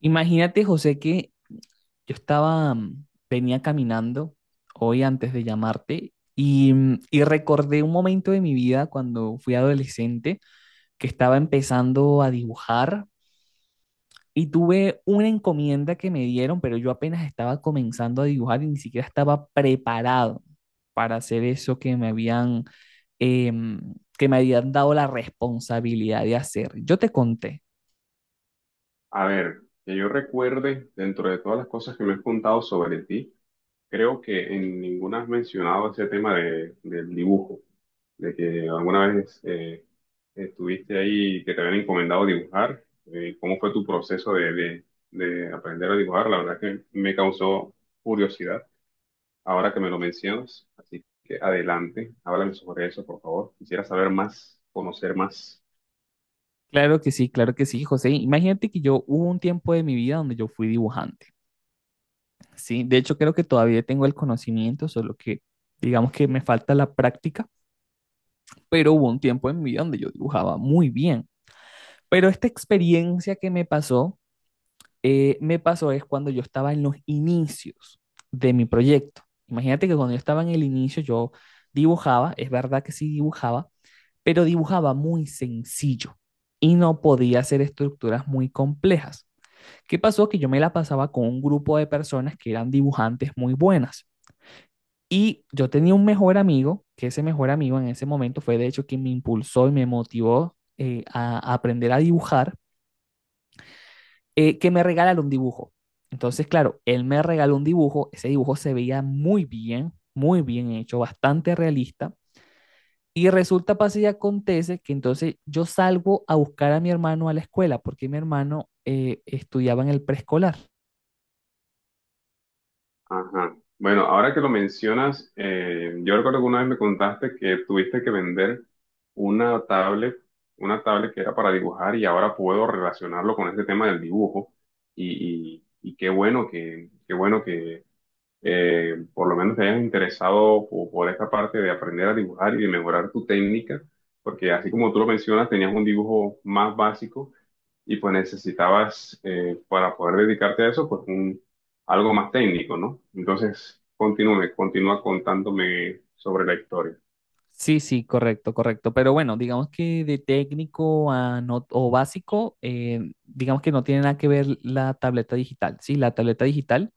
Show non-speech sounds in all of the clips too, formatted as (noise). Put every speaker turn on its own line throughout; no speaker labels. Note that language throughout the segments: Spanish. Imagínate, José, que yo estaba, venía caminando hoy antes de llamarte y recordé un momento de mi vida cuando fui adolescente que estaba empezando a dibujar y tuve una encomienda que me dieron, pero yo apenas estaba comenzando a dibujar y ni siquiera estaba preparado para hacer eso em, que me habían dado la responsabilidad de hacer. Yo te conté.
A ver, que yo recuerde, dentro de todas las cosas que me has contado sobre ti, creo que en ninguna has mencionado ese tema del dibujo, de que alguna vez estuviste ahí y que te habían encomendado dibujar. ¿Cómo fue tu proceso de aprender a dibujar? La verdad que me causó curiosidad ahora que me lo mencionas. Así que adelante, háblame sobre eso, por favor. Quisiera saber más, conocer más.
Claro que sí, José. Imagínate que yo hubo un tiempo de mi vida donde yo fui dibujante, ¿sí? De hecho, creo que todavía tengo el conocimiento, solo que digamos que me falta la práctica, pero hubo un tiempo en mi vida donde yo dibujaba muy bien. Pero esta experiencia que me pasó es cuando yo estaba en los inicios de mi proyecto. Imagínate que cuando yo estaba en el inicio, yo dibujaba, es verdad que sí dibujaba, pero dibujaba muy sencillo y no podía hacer estructuras muy complejas. ¿Qué pasó? Que yo me la pasaba con un grupo de personas que eran dibujantes muy buenas. Y yo tenía un mejor amigo, que ese mejor amigo en ese momento fue de hecho quien me impulsó y me motivó a aprender a dibujar, que me regalara un dibujo. Entonces, claro, él me regaló un dibujo, ese dibujo se veía muy bien hecho, bastante realista. Y resulta, pasa y acontece que entonces yo salgo a buscar a mi hermano a la escuela, porque mi hermano estudiaba en el preescolar.
Ajá. Bueno, ahora que lo mencionas, yo recuerdo que una vez me contaste que tuviste que vender una tablet, una tablet que era para dibujar, y ahora puedo relacionarlo con este tema del dibujo. Y qué bueno que por lo menos te hayas interesado por esta parte de aprender a dibujar y de mejorar tu técnica, porque así como tú lo mencionas, tenías un dibujo más básico y pues necesitabas para poder dedicarte a eso, pues un, algo más técnico, ¿no? Entonces, continúe, continúa contándome sobre la historia.
Sí, sí, correcto, correcto. Pero bueno, digamos que de técnico a no, o básico, digamos que no tiene nada que ver la tableta digital. Sí, la tableta digital.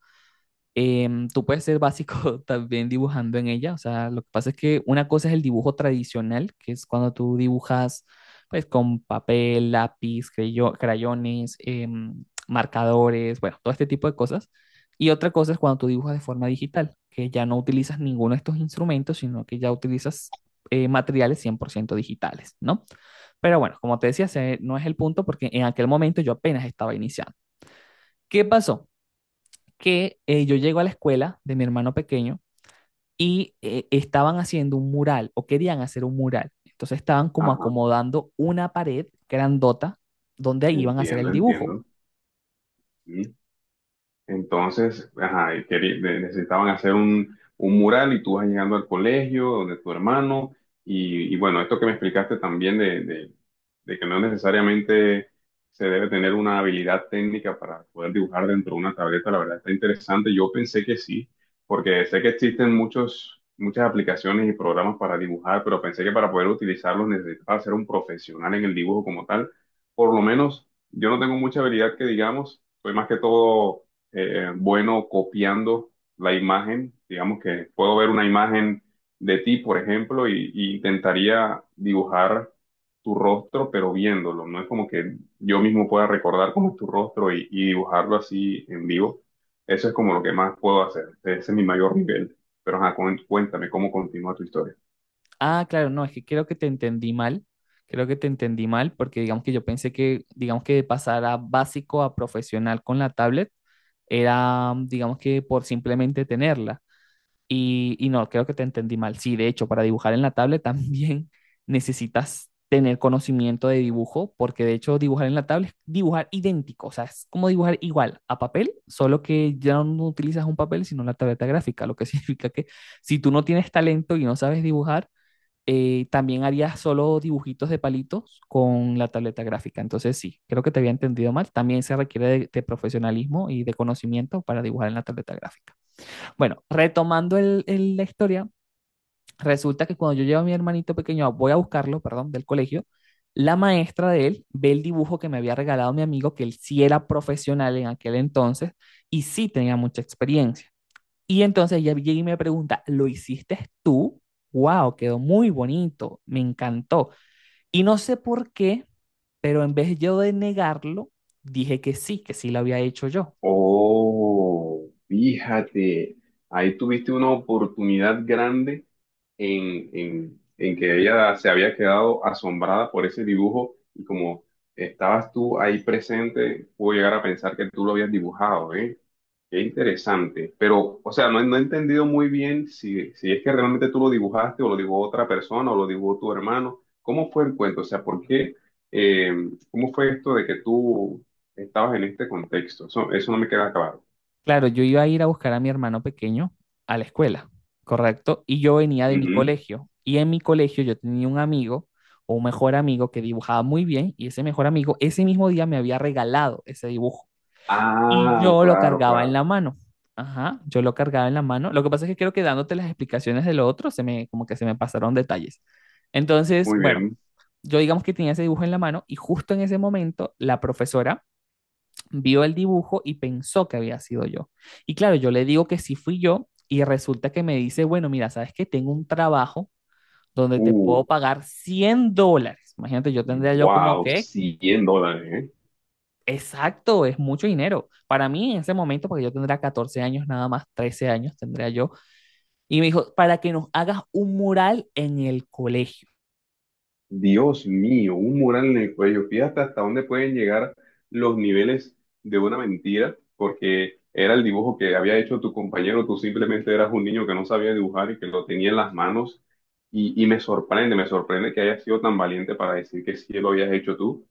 Tú puedes ser básico (laughs) también dibujando en ella, o sea, lo que pasa es que una cosa es el dibujo tradicional, que es cuando tú dibujas pues con papel, lápiz, crayones, marcadores, bueno, todo este tipo de cosas. Y otra cosa es cuando tú dibujas de forma digital, que ya no utilizas ninguno de estos instrumentos, sino que ya utilizas materiales 100% digitales, ¿no? Pero bueno, como te decía, ese no es el punto porque en aquel momento yo apenas estaba iniciando. ¿Qué pasó? Que yo llego a la escuela de mi hermano pequeño y estaban haciendo un mural o querían hacer un mural. Entonces estaban como
Ajá,
acomodando una pared grandota donde iban a hacer
entiendo,
el dibujo.
entiendo. Mm. Entonces, ajá, y necesitaban hacer un mural y tú vas llegando al colegio, donde tu hermano, y bueno, esto que me explicaste también de que no necesariamente se debe tener una habilidad técnica para poder dibujar dentro de una tableta, la verdad está interesante. Yo pensé que sí, porque sé que existen muchos, muchas aplicaciones y programas para dibujar, pero pensé que para poder utilizarlos necesitaba ser un profesional en el dibujo como tal. Por lo menos yo no tengo mucha habilidad que digamos, soy más que todo bueno, copiando la imagen. Digamos que puedo ver una imagen de ti, por ejemplo, y intentaría dibujar tu rostro, pero viéndolo. No es como que yo mismo pueda recordar cómo es tu rostro y dibujarlo así en vivo. Eso es como lo que más puedo hacer. Ese es mi mayor nivel. Pero ajá, cuéntame cómo continúa tu historia.
Ah, claro, no, es que creo que te entendí mal. Creo que te entendí mal porque digamos que yo pensé que, digamos que de pasar a básico a profesional con la tablet era, digamos que por simplemente tenerla. Y no, creo que te entendí mal. Sí, de hecho, para dibujar en la tablet también (laughs) necesitas tener conocimiento de dibujo, porque de hecho dibujar en la tablet es dibujar idéntico, o sea, es como dibujar igual a papel, solo que ya no utilizas un papel, sino la tableta gráfica, lo que (laughs) significa que si tú no tienes talento y no sabes dibujar, también harías solo dibujitos de palitos con la tableta gráfica. Entonces sí, creo que te había entendido mal. También se requiere de profesionalismo y de conocimiento para dibujar en la tableta gráfica. Bueno, retomando la historia, resulta que cuando yo llevo a mi hermanito pequeño, voy a buscarlo, perdón, del colegio, la maestra de él ve el dibujo que me había regalado mi amigo, que él sí era profesional en aquel entonces y sí tenía mucha experiencia. Y entonces ella llega y me pregunta, ¿lo hiciste tú? ¡Wow! Quedó muy bonito, me encantó. Y no sé por qué, pero en vez yo de negarlo, dije que sí lo había hecho yo.
Oh, fíjate, ahí tuviste una oportunidad grande en que ella se había quedado asombrada por ese dibujo, y como estabas tú ahí presente, pudo llegar a pensar que tú lo habías dibujado, ¿eh? Qué interesante. Pero, o sea, no, he no he entendido muy bien si, si es que realmente tú lo dibujaste, o lo dibujó otra persona, o lo dibujó tu hermano. ¿Cómo fue el cuento? O sea, ¿por qué? eh, ¿Cómo fue esto de que tú estabas en este contexto? Eso no me queda claro.
Claro, yo iba a ir a buscar a mi hermano pequeño a la escuela, ¿correcto? Y yo venía de mi
Ujú.
colegio. Y en mi colegio yo tenía un amigo, o un mejor amigo, que dibujaba muy bien. Y ese mejor amigo, ese mismo día me había regalado ese dibujo. Y
Ah,
yo lo
claro,
cargaba en
claro.
la mano. Ajá, yo lo cargaba en la mano. Lo que pasa es que creo que dándote las explicaciones de lo otro, se me, como que se me pasaron detalles. Entonces,
Muy
bueno,
bien.
yo digamos que tenía ese dibujo en la mano y justo en ese momento la profesora vio el dibujo y pensó que había sido yo. Y claro, yo le digo que sí fui yo y resulta que me dice, bueno, mira, sabes que tengo un trabajo donde te
Uh,
puedo pagar $100. Imagínate, yo tendría yo como
Wow,
que,
100 dólares, ¿eh?
exacto, es mucho dinero. Para mí en ese momento, porque yo tendría 14 años nada más, 13 años tendría yo. Y me dijo, para que nos hagas un mural en el colegio.
Dios mío, un mural en el cuello. Fíjate hasta dónde pueden llegar los niveles de una mentira, porque era el dibujo que había hecho tu compañero, tú simplemente eras un niño que no sabía dibujar y que lo tenía en las manos. Y me sorprende que hayas sido tan valiente para decir que sí lo habías hecho tú,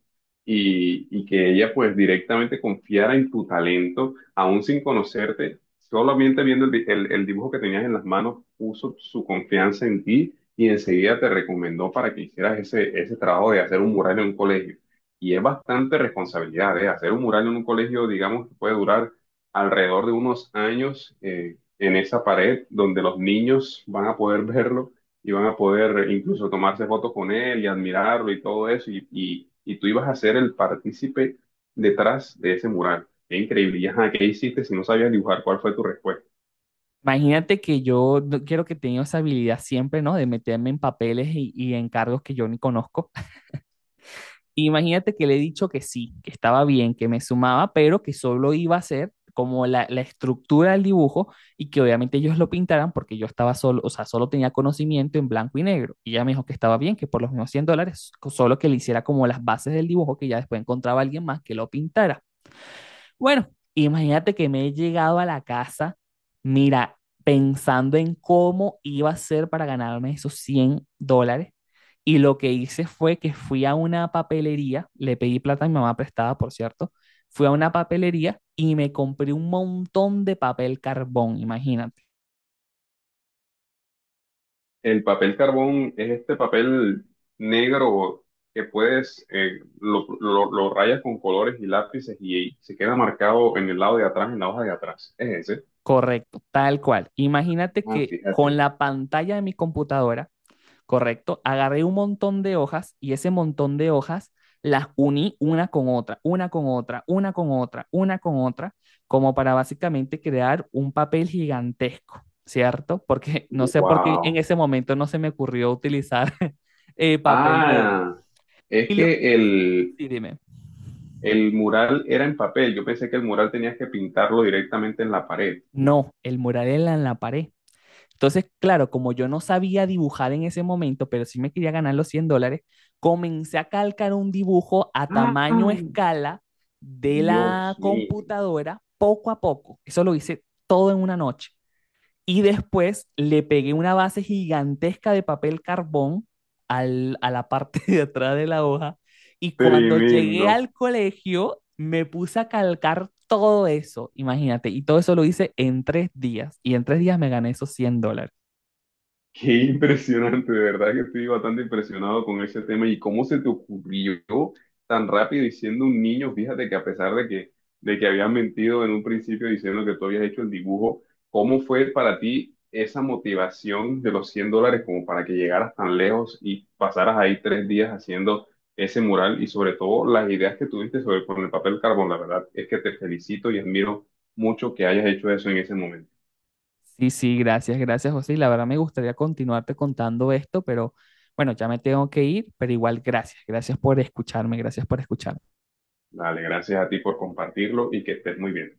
y que ella pues directamente confiara en tu talento, aún sin conocerte, solamente viendo el el dibujo que tenías en las manos, puso su confianza en ti y enseguida te recomendó para que hicieras ese, ese trabajo de hacer un mural en un colegio. Y es bastante responsabilidad, ¿eh? Hacer un mural en un colegio, digamos, que puede durar alrededor de unos años en esa pared donde los niños van a poder (laughs) verlo y van a poder incluso tomarse fotos con él y admirarlo y todo eso. Y tú ibas a ser el partícipe detrás de ese mural. Qué increíble. Y, ajá, ¿qué hiciste si no sabías dibujar? ¿Cuál fue tu respuesta?
Imagínate que yo quiero que tenga esa habilidad siempre, ¿no? De meterme en papeles y en cargos que yo ni conozco. Imagínate que le he dicho que sí, que estaba bien, que me sumaba, pero que solo iba a ser como la estructura del dibujo y que obviamente ellos lo pintaran porque yo estaba solo, o sea, solo tenía conocimiento en blanco y negro. Y ella me dijo que estaba bien, que por los mismos $100, solo que le hiciera como las bases del dibujo, que ya después encontraba a alguien más que lo pintara. Bueno, imagínate que me he llegado a la casa, mira, pensando en cómo iba a ser para ganarme esos $100. Y lo que hice fue que fui a una papelería, le pedí plata a mi mamá prestada, por cierto, fui a una papelería y me compré un montón de papel carbón, imagínate.
El papel carbón es este papel negro que puedes, lo rayas con colores y lápices y se queda marcado en el lado de atrás, en la hoja de atrás. Es ese.
Correcto, tal cual. Imagínate
Ah,
que con
fíjate.
la pantalla de mi computadora. ¿Correcto? Agarré un montón de hojas y ese montón de hojas las uní una con otra, una con otra, una con otra, una con otra, como para básicamente crear un papel gigantesco, ¿cierto? Porque no sé por qué en
Wow.
ese momento no se me ocurrió utilizar (laughs) papel bond.
Ah, es
Y lo
que
que... Sí, dime.
el mural era en papel. Yo pensé que el mural tenías que pintarlo directamente en la pared.
No, el mural era en la pared. Entonces, claro, como yo no sabía dibujar en ese momento, pero sí me quería ganar los $100, comencé a calcar un dibujo a
Ah,
tamaño escala de
Dios
la
mío.
computadora poco a poco. Eso lo hice todo en una noche. Y después le pegué una base gigantesca de papel carbón a la parte (laughs) de atrás de la hoja. Y cuando llegué
Tremendo.
al colegio, me puse a calcar todo eso, imagínate. Y todo eso lo hice en 3 días. Y en 3 días me gané esos $100.
Qué impresionante, de verdad que estoy bastante impresionado con ese tema y cómo se te ocurrió tan rápido y siendo un niño, fíjate que a pesar de que habías mentido en un principio diciendo que tú habías hecho el dibujo, ¿cómo fue para ti esa motivación de los $100 como para que llegaras tan lejos y pasaras ahí 3 días haciendo ese mural y sobre todo las ideas que tuviste sobre con el papel carbón? La verdad es que te felicito y admiro mucho que hayas hecho eso en ese momento.
Sí, sí, gracias, gracias, José. Y la verdad me gustaría continuarte contando esto, pero bueno, ya me tengo que ir, pero igual gracias, gracias por escucharme, gracias por escucharme.
Dale, gracias a ti por compartirlo y que estés muy bien.